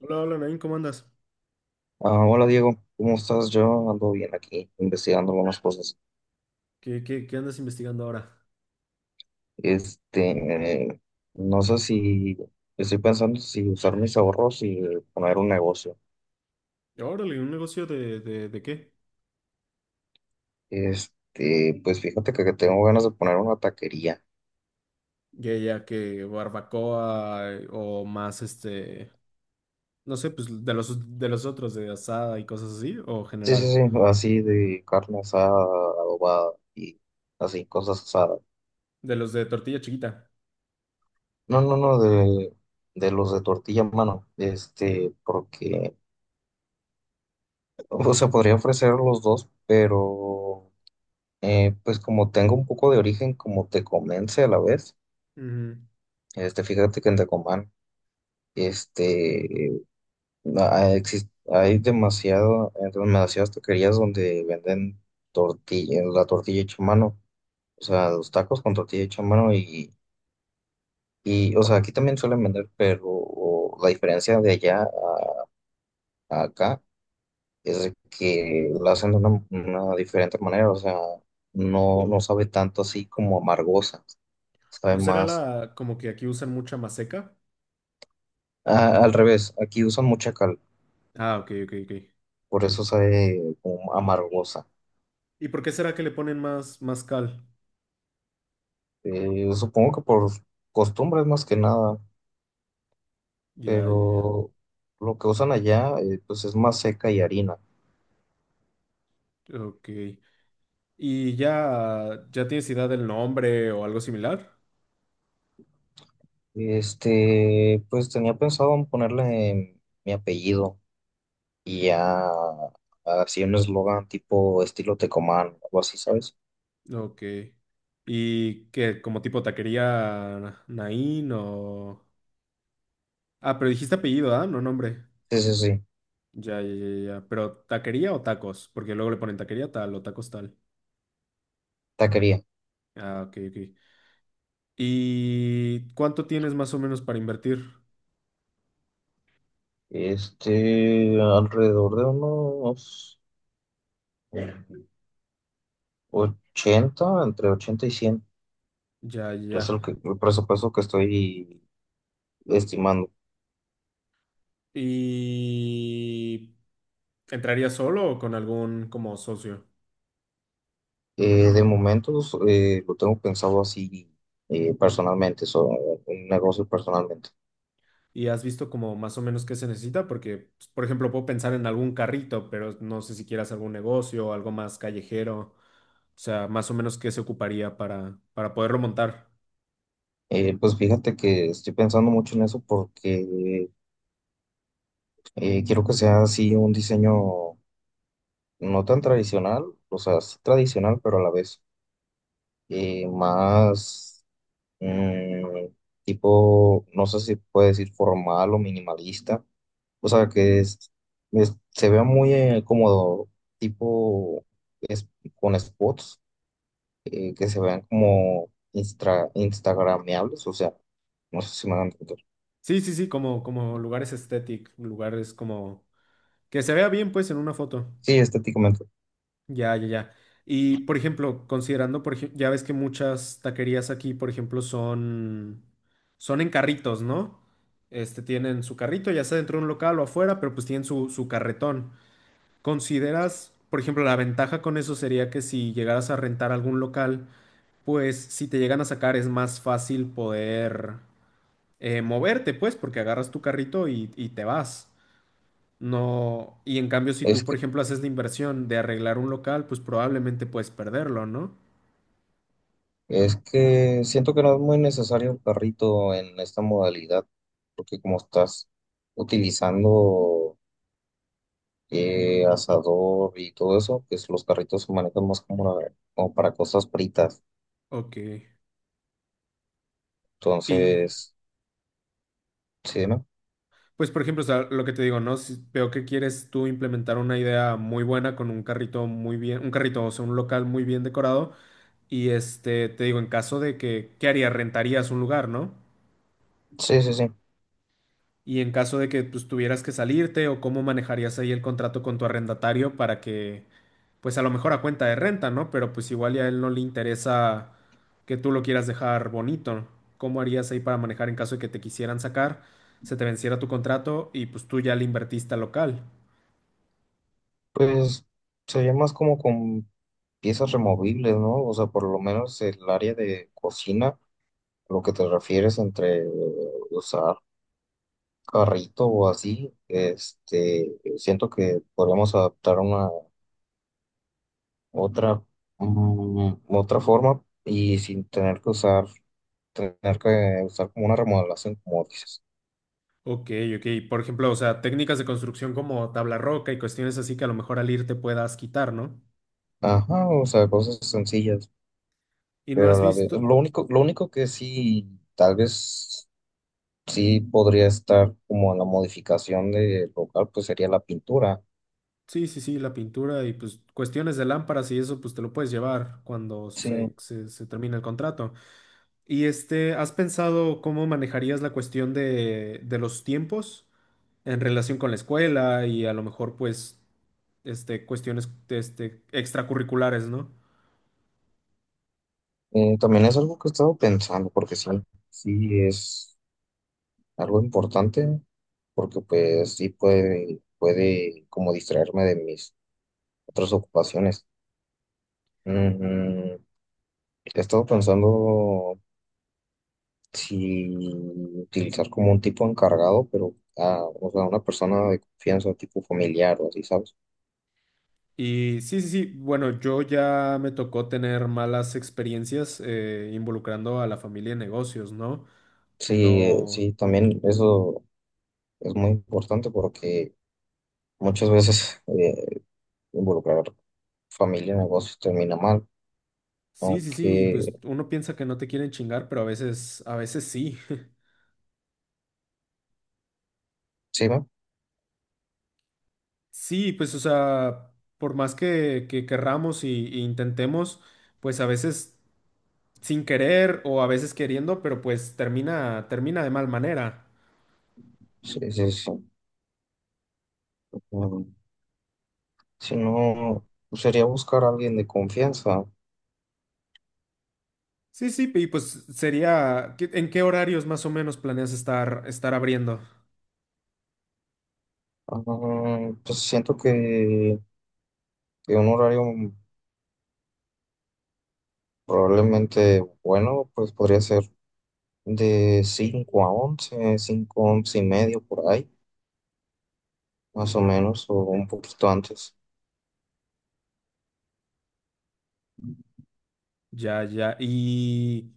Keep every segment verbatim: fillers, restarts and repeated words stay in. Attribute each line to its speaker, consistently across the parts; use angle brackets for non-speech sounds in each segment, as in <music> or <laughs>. Speaker 1: Hola, hola, Nain, ¿cómo andas?
Speaker 2: Ah, hola Diego, ¿cómo estás? Yo ando bien aquí investigando algunas cosas.
Speaker 1: ¿Qué, qué, qué andas investigando ahora?
Speaker 2: Este, no sé si estoy pensando si usar mis ahorros y poner un negocio.
Speaker 1: Órale, ¿un negocio de, de, de qué?
Speaker 2: Este, pues fíjate que, que tengo ganas de poner una taquería.
Speaker 1: Ya, ya que barbacoa eh, o más este, no sé, pues de los de los otros, de asada y cosas así, o
Speaker 2: Sí, sí,
Speaker 1: general,
Speaker 2: sí, así de carne asada, adobada y así, cosas asadas.
Speaker 1: de los de tortilla chiquita.
Speaker 2: No, no, no, de, de los de tortilla en mano. Este, porque, o sea, podría ofrecer los dos, pero. Eh, pues como tengo un poco de origen, como tecomense a la vez,
Speaker 1: Ujú.
Speaker 2: este, fíjate que en Tecomán, este, na- exis- hay demasiado, eh, demasiadas taquerías donde venden tortilla, eh, la tortilla hecha a mano, o sea, los tacos con tortilla hecha a mano y, y, o sea, aquí también suelen vender, pero la diferencia de allá a, a acá es de que la hacen de una, una diferente manera, o sea, no, no sabe tanto así como amargosa,
Speaker 1: ¿No
Speaker 2: sabe
Speaker 1: será
Speaker 2: más.
Speaker 1: la como que aquí usan mucha maseca?
Speaker 2: Ah, al revés, aquí usan mucha cal,
Speaker 1: Ah, ok, ok, ok.
Speaker 2: por eso sabe como amargosa.
Speaker 1: ¿Y por qué será que le ponen más, más cal?
Speaker 2: Eh, supongo que por costumbres más que nada,
Speaker 1: Ya, ya, ya.
Speaker 2: pero lo que usan allá eh, pues es más seca y harina.
Speaker 1: Ok. ¿Y ya, ya tienes idea del nombre o algo similar?
Speaker 2: Este, pues tenía pensado en ponerle mi apellido y ya así un eslogan tipo estilo Tecomán, algo así, ¿sabes?
Speaker 1: Ok. ¿Y qué, como tipo taquería Naín o...? Ah, pero dijiste apellido, ¿ah? No, nombre.
Speaker 2: Sí, sí, sí,
Speaker 1: Ya, ya, ya, ya. ¿Pero taquería o tacos? Porque luego le ponen taquería tal o tacos tal.
Speaker 2: taquería.
Speaker 1: Ah, ok, ok. ¿Y cuánto tienes más o menos para invertir?
Speaker 2: Este, alrededor de unos ochenta, entre ochenta y cien.
Speaker 1: Ya, ya,
Speaker 2: Es
Speaker 1: ya.
Speaker 2: el, que- el presupuesto que estoy estimando.
Speaker 1: ¿Y entrarías solo o con algún como socio?
Speaker 2: Eh, de momentos eh, lo tengo pensado así, eh, personalmente, so- un negocio personalmente.
Speaker 1: Y has visto como más o menos qué se necesita, porque, pues, por ejemplo, puedo pensar en algún carrito, pero no sé si quieras algún negocio o algo más callejero, o sea, más o menos qué se ocuparía para, para poderlo montar.
Speaker 2: Eh, pues fíjate que estoy pensando mucho en eso porque eh, quiero que sea así un diseño no tan tradicional, o sea, sí tradicional, pero a la vez eh, más, mm, tipo, no sé si puede decir formal o minimalista. O sea, que es- es- se vea muy eh, como tipo es, con spots eh, que se vean como instra- instagrameables. O sea, no sé si me van a entender.
Speaker 1: Sí, sí, sí, como, como lugares estéticos, lugares como que se vea bien, pues, en una foto.
Speaker 2: Sí, estéticamente.
Speaker 1: Ya, ya, ya. Y, por ejemplo, considerando, por ejemplo, ya ves que muchas taquerías aquí, por ejemplo, son, son en carritos, ¿no? Este, tienen su carrito, ya sea dentro de un local o afuera, pero pues tienen su, su carretón. ¿Consideras, por ejemplo, la ventaja con eso sería que si llegaras a rentar algún local, pues si te llegan a sacar es más fácil poder eh, moverte, pues, porque agarras tu carrito y, y te vas. No, y en cambio, si
Speaker 2: Es
Speaker 1: tú, por
Speaker 2: que,
Speaker 1: ejemplo, haces la inversión de arreglar un local, pues probablemente puedes perderlo, ¿no?
Speaker 2: es que siento que no es muy necesario el carrito en esta modalidad, porque como estás utilizando eh, asador y todo eso, pues los carritos se manejan más como, una- como para cosas fritas.
Speaker 1: Ok. Y
Speaker 2: Entonces, sí, ¿no?
Speaker 1: pues, por ejemplo, o sea, lo que te digo, ¿no? Si veo que quieres tú implementar una idea muy buena con un carrito muy bien, un carrito, o sea, un local muy bien decorado. Y este, te digo, en caso de que, ¿qué harías? Rentarías un lugar, ¿no?
Speaker 2: Sí, sí, sí.
Speaker 1: Y en caso de que pues, tuvieras que salirte o cómo manejarías ahí el contrato con tu arrendatario para que, pues a lo mejor a cuenta de renta, ¿no? Pero pues igual ya a él no le interesa que tú lo quieras dejar bonito. ¿Cómo harías ahí para manejar en caso de que te quisieran sacar, se te venciera tu contrato y pues tú ya le invertiste al local?
Speaker 2: Pues sería más como con piezas removibles, ¿no? O sea, por lo menos el área de cocina, lo que te refieres entre eh, usar carrito o así, este, siento que podríamos adaptar una otra, mm, otra forma y sin tener que usar tener que usar como una remodelación, como dices.
Speaker 1: Ok, ok. Por ejemplo, o sea, técnicas de construcción como tabla roca y cuestiones así que a lo mejor al irte puedas quitar, ¿no?
Speaker 2: Ajá, o sea, cosas sencillas,
Speaker 1: Y no
Speaker 2: pero a
Speaker 1: has
Speaker 2: la vez,
Speaker 1: visto...
Speaker 2: lo único, lo único que sí, tal vez sí podría estar como en la modificación del local, pues sería la pintura.
Speaker 1: Sí, sí, sí, la pintura y pues cuestiones de lámparas y eso pues te lo puedes llevar cuando se,
Speaker 2: Sí,
Speaker 1: se, se termine el contrato. Y este, ¿has pensado cómo manejarías la cuestión de, de los tiempos en relación con la escuela y a lo mejor pues este, cuestiones este, extracurriculares, ¿no?
Speaker 2: eh, también es algo que he estado pensando, porque sí, sí es algo importante, porque pues sí puede, puede como distraerme de mis otras ocupaciones. Mm, he estado pensando si utilizar como un tipo encargado, pero ah, o sea, una persona de confianza, tipo familiar o así, ¿sabes?
Speaker 1: Y sí, sí, sí, bueno, yo ya me tocó tener malas experiencias eh, involucrando a la familia en negocios, ¿no?
Speaker 2: Sí,
Speaker 1: No.
Speaker 2: sí, también eso. Es muy importante porque muchas veces eh, involucrar familia en negocios termina mal,
Speaker 1: Sí, sí, sí, pues
Speaker 2: aunque
Speaker 1: uno piensa que no te quieren chingar, pero a veces, a veces sí. <laughs>
Speaker 2: sí, ¿no?
Speaker 1: Sí, pues o sea, por más que, que querramos y, y intentemos, pues a veces sin querer o a veces queriendo, pero pues termina, termina de mal manera.
Speaker 2: Sí, sí, sí. Mm, si no, pues, sería buscar a alguien de confianza.
Speaker 1: Sí, sí, y pues sería, ¿qué? ¿En qué horarios más o menos planeas estar, estar abriendo?
Speaker 2: Ah, pues siento que, que un horario probablemente bueno, pues podría ser de cinco a once, cinco, once y medio por ahí, más o menos, o un poquito antes.
Speaker 1: Ya, ya. Y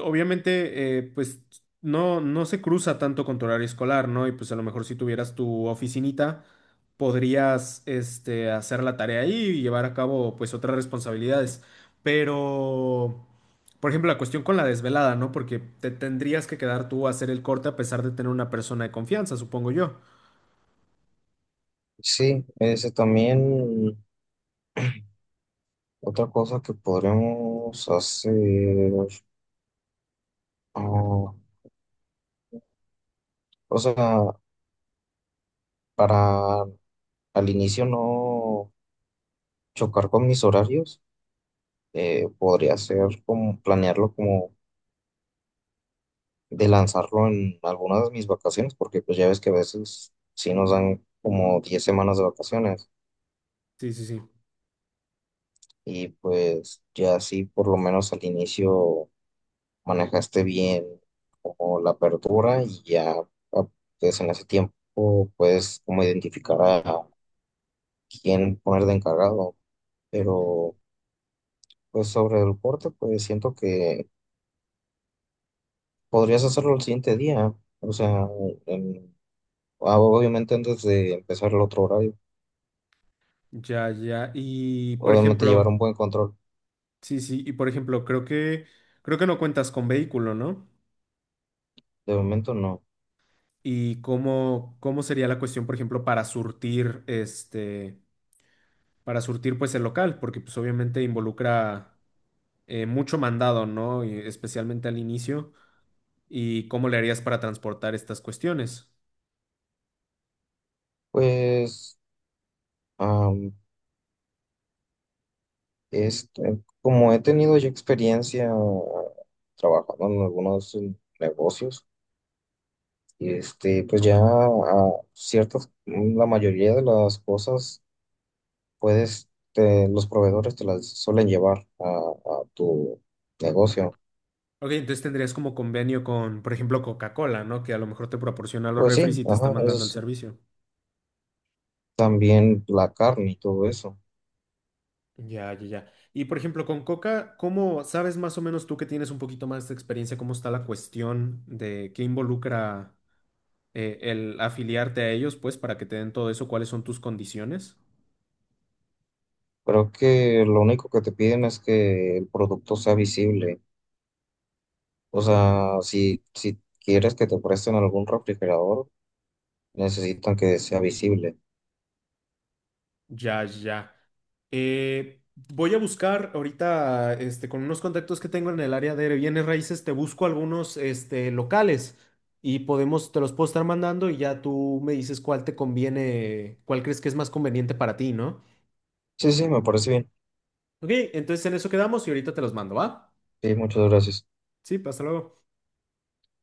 Speaker 1: obviamente, eh, pues no, no se cruza tanto con tu horario escolar, ¿no? Y pues a lo mejor si tuvieras tu oficinita, podrías este, hacer la tarea ahí y llevar a cabo pues otras responsabilidades. Pero, por ejemplo, la cuestión con la desvelada, ¿no? Porque te tendrías que quedar tú a hacer el corte a pesar de tener una persona de confianza, supongo yo.
Speaker 2: Sí, ese también. Otra cosa que podremos hacer, ah, o sea, para al inicio no chocar con mis horarios, eh, podría ser como planearlo como de lanzarlo en algunas de mis vacaciones, porque pues ya ves que a veces sí nos dan como diez semanas de vacaciones
Speaker 1: Sí, sí, sí.
Speaker 2: y pues ya así por lo menos al inicio manejaste bien como la apertura y ya, ah, pues en ese tiempo puedes como identificar a quién poner de encargado. Pero pues sobre el corte, pues siento que podrías hacerlo el siguiente día. O sea, en- ah, obviamente antes de empezar el otro horario.
Speaker 1: Ya, ya. Y por
Speaker 2: Obviamente llevar
Speaker 1: ejemplo,
Speaker 2: un buen control.
Speaker 1: sí, sí, y por ejemplo, creo que creo que no cuentas con vehículo, ¿no?
Speaker 2: De momento no.
Speaker 1: Y cómo, cómo sería la cuestión, por ejemplo, para surtir este, para surtir pues el local, porque pues obviamente involucra eh, mucho mandado, ¿no? Y especialmente al inicio. ¿Y cómo le harías para transportar estas cuestiones?
Speaker 2: Pues am, este, como he tenido ya experiencia trabajando en algunos eh, negocios, este, pues ya ah, ciertas, la mayoría de las cosas puedes, te- los proveedores te las suelen llevar a, a tu negocio.
Speaker 1: Ok, entonces tendrías como convenio con, por ejemplo, Coca-Cola, ¿no? Que a lo mejor te proporciona los
Speaker 2: Pues sí,
Speaker 1: refris y te está
Speaker 2: ajá, eso
Speaker 1: mandando el
Speaker 2: sí.
Speaker 1: servicio.
Speaker 2: También la carne y todo eso.
Speaker 1: Ya, ya, ya. Y por ejemplo, con Coca, ¿cómo sabes más o menos tú que tienes un poquito más de experiencia, cómo está la cuestión de qué involucra eh, el afiliarte a ellos, pues, para que te den todo eso, cuáles son tus condiciones?
Speaker 2: Creo que lo único que te piden es que el producto sea visible. O sea, si, si quieres que te presten algún refrigerador, necesitan que sea visible.
Speaker 1: Ya, ya. Eh, voy a buscar ahorita, este, con unos contactos que tengo en el área de bienes raíces, te busco algunos, este, locales y podemos, te los puedo estar mandando y ya tú me dices cuál te conviene, cuál crees que es más conveniente para ti, ¿no?
Speaker 2: Sí, sí, me parece bien.
Speaker 1: Ok, entonces en eso quedamos y ahorita te los mando, ¿va?
Speaker 2: Sí, muchas gracias.
Speaker 1: Sí, hasta luego.